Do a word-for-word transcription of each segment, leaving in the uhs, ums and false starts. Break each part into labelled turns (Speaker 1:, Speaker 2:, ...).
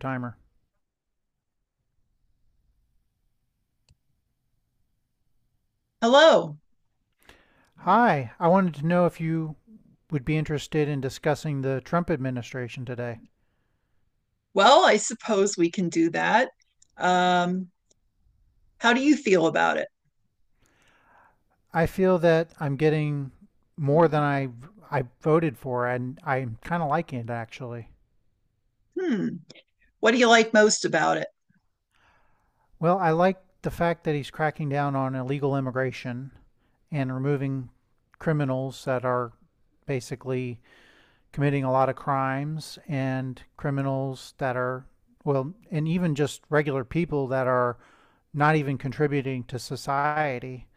Speaker 1: Timer.
Speaker 2: Hello.
Speaker 1: Hi, I wanted to know if you would be interested in discussing the Trump administration today.
Speaker 2: Well, I suppose we can do that. Um, how do you feel about it?
Speaker 1: I feel that I'm getting more than I I voted for, and I'm kind of liking it actually.
Speaker 2: Hmm. What do you like most about it?
Speaker 1: Well, I like the fact that he's cracking down on illegal immigration and removing criminals that are basically committing a lot of crimes and criminals that are, well, and even just regular people that are not even contributing to society.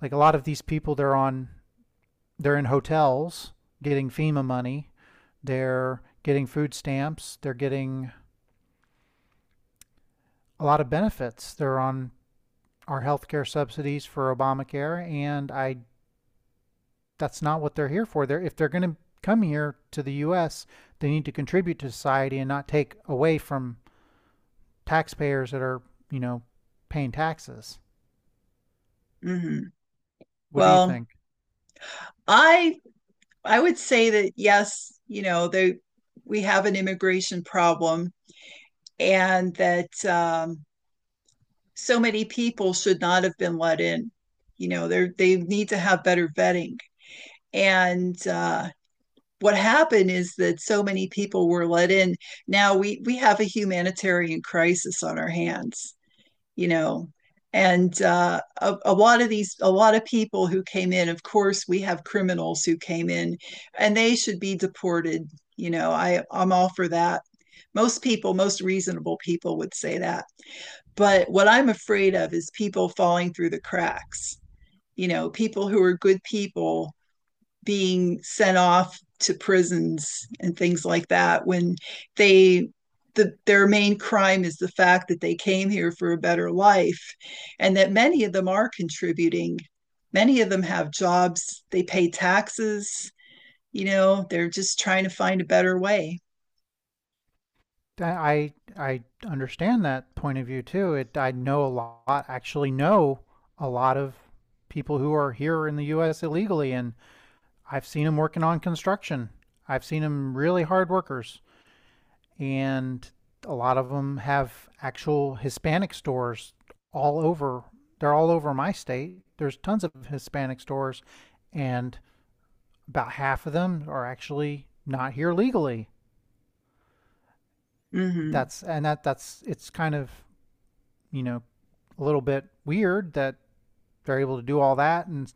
Speaker 1: Like a lot of these people, they're on, they're in hotels getting FEMA money, they're getting food stamps, they're getting a lot of benefits. They're on our healthcare subsidies for Obamacare, and I that's not what they're here for. They're if they're going to come here to the U S, they need to contribute to society and not take away from taxpayers that are, you know, paying taxes.
Speaker 2: Hmm.
Speaker 1: What do you
Speaker 2: Well,
Speaker 1: think?
Speaker 2: I I would say that yes, you know, there we have an immigration problem and that um, so many people should not have been let in. You know, they they need to have better vetting. And uh, What happened is that so many people were let in. Now we we have a humanitarian crisis on our hands, you know, and uh, a, a, lot of these a lot of people who came in, of course we have criminals who came in and they should be deported. You know, i i'm all for that. Most people, most reasonable people would say that, but what I'm afraid of is people falling through the cracks, you know, people who are good people being sent off to prisons and things like that when they the, their main crime is the fact that they came here for a better life and that many of them are contributing. Many of them have jobs, they pay taxes. You know, they're just trying to find a better way.
Speaker 1: I I understand that point of view too. It I know a lot, actually know a lot of people who are here in the U S illegally, and I've seen them working on construction. I've seen them really hard workers, and a lot of them have actual Hispanic stores all over. They're all over my state. There's tons of Hispanic stores, and about half of them are actually not here legally.
Speaker 2: Mhm.
Speaker 1: That's and that that's it's kind of you know a little bit weird that they're able to do all that and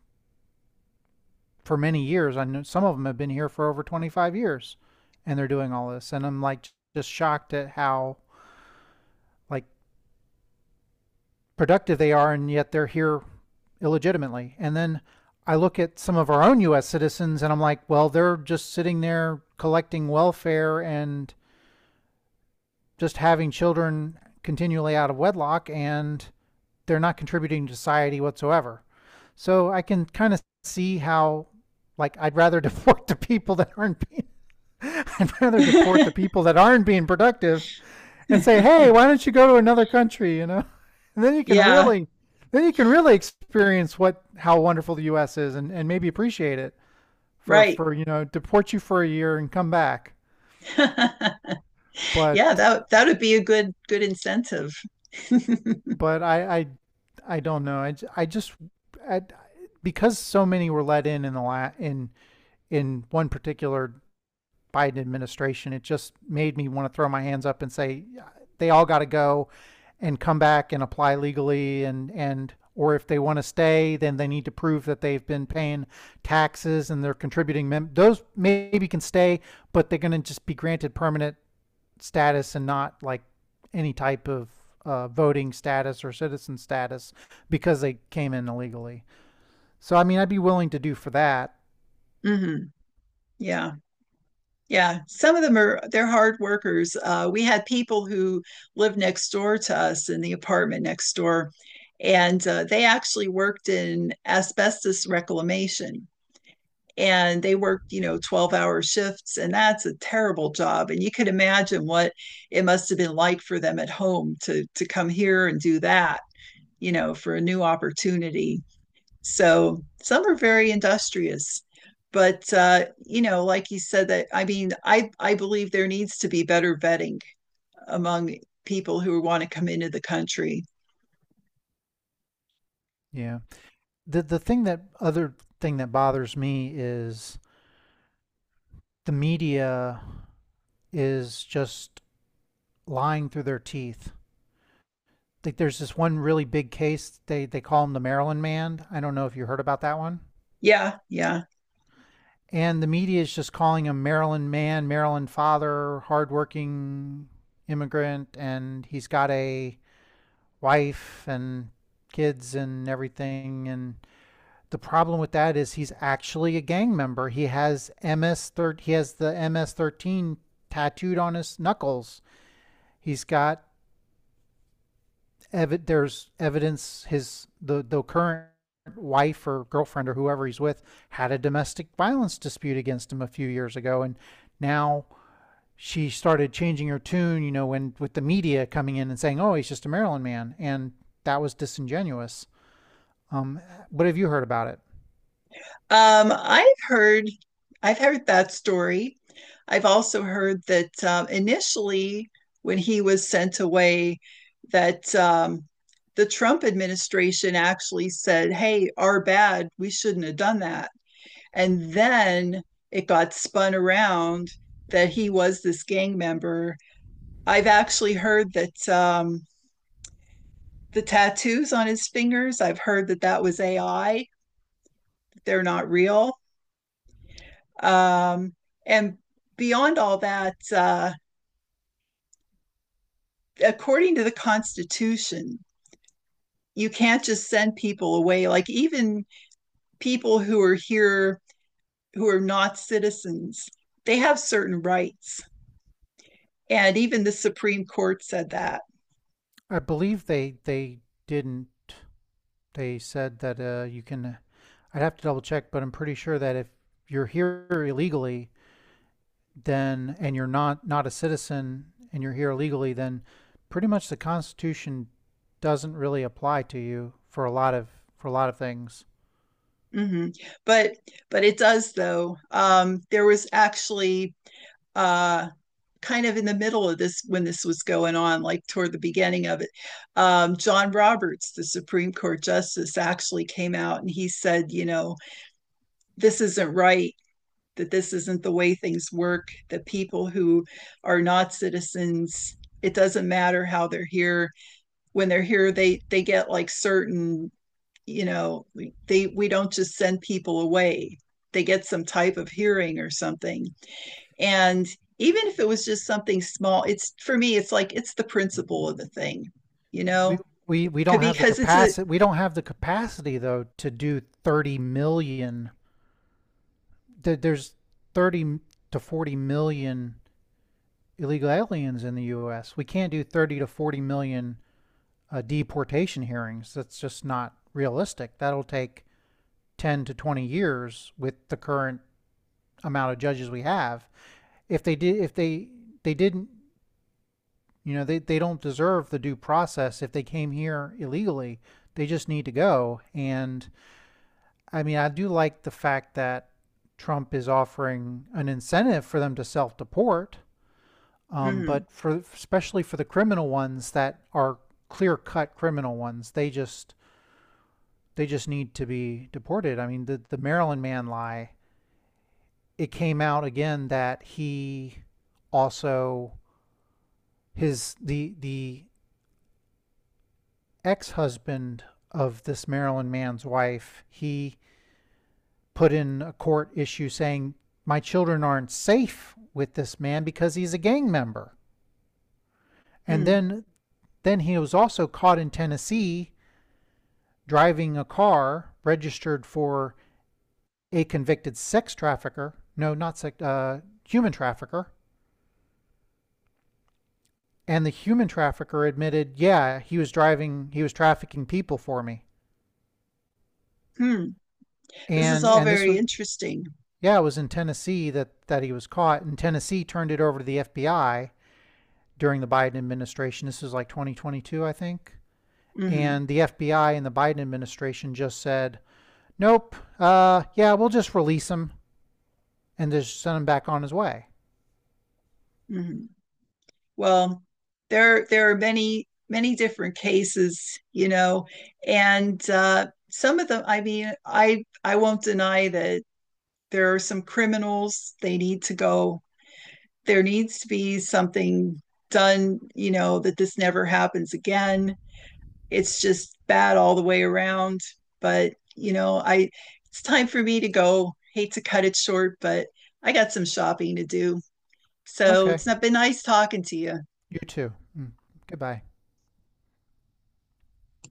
Speaker 1: for many years. I know some of them have been here for over twenty-five years and they're doing all this and I'm like just shocked at how like productive they are and yet they're here illegitimately. And then I look at some of our own U S citizens and I'm like, well, they're just sitting there collecting welfare and just having children continually out of wedlock and they're not contributing to society whatsoever. So I can kind of see how like I'd rather deport the people that aren't being I'd rather deport the people that aren't being productive and say, "Hey, why don't you go to another country, you know?" And then you can
Speaker 2: Yeah,
Speaker 1: really then you can really experience what how wonderful the U S is and, and maybe appreciate it for
Speaker 2: right.
Speaker 1: for you know, deport you for a year and come back.
Speaker 2: Yeah,
Speaker 1: But
Speaker 2: that that would be a good good incentive.
Speaker 1: but I I, I don't know. I, I just I, because so many were let in in the la- in in one particular Biden administration, it just made me want to throw my hands up and say, "Yeah, they all got to go and come back and apply legally and and or if they want to stay, then they need to prove that they've been paying taxes and they're contributing. Mem- those maybe can stay, but they're going to just be granted permanent status and not like any type of uh, voting status or citizen status because they came in illegally. So I mean, I'd be willing to do for that."
Speaker 2: Hmm. Yeah. Yeah. Some of them are, they're hard workers. Uh, we had people who lived next door to us in the apartment next door, and uh, they actually worked in asbestos reclamation. And they worked, you know, twelve hour shifts, and that's a terrible job. And you could imagine what it must have been like for them at home to to come here and do that, you know, for a new opportunity. So some are very industrious. But uh, you know, like you said, that I mean, I I believe there needs to be better vetting among people who want to come into the country.
Speaker 1: Yeah. The the thing that other thing that bothers me is the media is just lying through their teeth. Like there's this one really big case. They they call him the Maryland Man. I don't know if you heard about that one.
Speaker 2: Yeah, yeah.
Speaker 1: And the media is just calling him Maryland man, Maryland father, hardworking immigrant, and he's got a wife and kids and everything. And the problem with that is he's actually a gang member. He has M S thir- he has the M S thirteen tattooed on his knuckles. He's got ev- there's evidence his the the current wife or girlfriend or whoever he's with had a domestic violence dispute against him a few years ago and now she started changing her tune, you know, when with the media coming in and saying, "Oh, he's just a Maryland man," and that was disingenuous. Um, what have you heard about it?
Speaker 2: Um, I've heard, I've heard that story. I've also heard that um, initially, when he was sent away, that um, the Trump administration actually said, "Hey, our bad. We shouldn't have done that." And then it got spun around that he was this gang member. I've actually heard that um, the tattoos on his fingers. I've heard that that was A I. They're not real. Um, and beyond all that, uh, according to the Constitution, you can't just send people away. Like even people who are here who are not citizens, they have certain rights, and even the Supreme Court said that.
Speaker 1: I believe they they didn't. They said that uh, you can. I'd have to double check, but I'm pretty sure that if you're here illegally, then and you're not not a citizen and you're here illegally, then pretty much the Constitution doesn't really apply to you for a lot of for a lot of things.
Speaker 2: Mm-hmm. But but it does though. Um, there was actually uh, kind of in the middle of this when this was going on, like toward the beginning of it. Um, John Roberts, the Supreme Court Justice, actually came out and he said, you know, this isn't right, that this isn't the way things work, that people who are not citizens. It doesn't matter how they're here. When they're here, they they get like certain, you know, they we don't just send people away, they get some type of hearing or something. And even if it was just something small, it's, for me, it's like it's the principle of the thing, you
Speaker 1: We
Speaker 2: know.
Speaker 1: we we don't have the
Speaker 2: Because it's a.
Speaker 1: capacity. We don't have the capacity though to do thirty million. There's thirty to forty million illegal aliens in the U S. We can't do thirty to forty million uh, deportation hearings. That's just not realistic. That'll take ten to twenty years with the current amount of judges we have. If they did, if they they didn't, you know, they they don't deserve the due process if they came here illegally. They just need to go and I mean, I do like the fact that Trump is offering an incentive for them to self deport, um,
Speaker 2: Hmm.
Speaker 1: but for especially for the criminal ones that are clear cut criminal ones, they just they just need to be deported. I mean, the the Maryland man lie. It came out again that he also his the the ex husband of this Maryland man's wife. He put in a court issue saying, my children aren't safe with this man because he's a gang member. And
Speaker 2: Hmm.
Speaker 1: then, then he was also caught in Tennessee driving a car registered for a convicted sex trafficker. No, not sex, uh, human trafficker. And the human trafficker admitted, yeah, he was driving, he was trafficking people for me.
Speaker 2: Hmm. This is
Speaker 1: And
Speaker 2: all
Speaker 1: and this
Speaker 2: very
Speaker 1: was,
Speaker 2: interesting.
Speaker 1: yeah, it was in Tennessee that that he was caught. And Tennessee turned it over to the F B I during the Biden administration. This is like twenty twenty-two, I think.
Speaker 2: Hmm.
Speaker 1: And the F B I and the Biden administration just said, nope, uh, yeah, we'll just release him and just send him back on his way.
Speaker 2: Hmm. Well, there there are many many different cases, you know, and uh, some of them. I mean, I I won't deny that there are some criminals, they need to go. There needs to be something done, you know, that this never happens again. It's just bad all the way around. But, you know, I it's time for me to go. Hate to cut it short, but I got some shopping to do. So
Speaker 1: Okay,
Speaker 2: it's not been nice talking to you.
Speaker 1: you too. Mm, goodbye.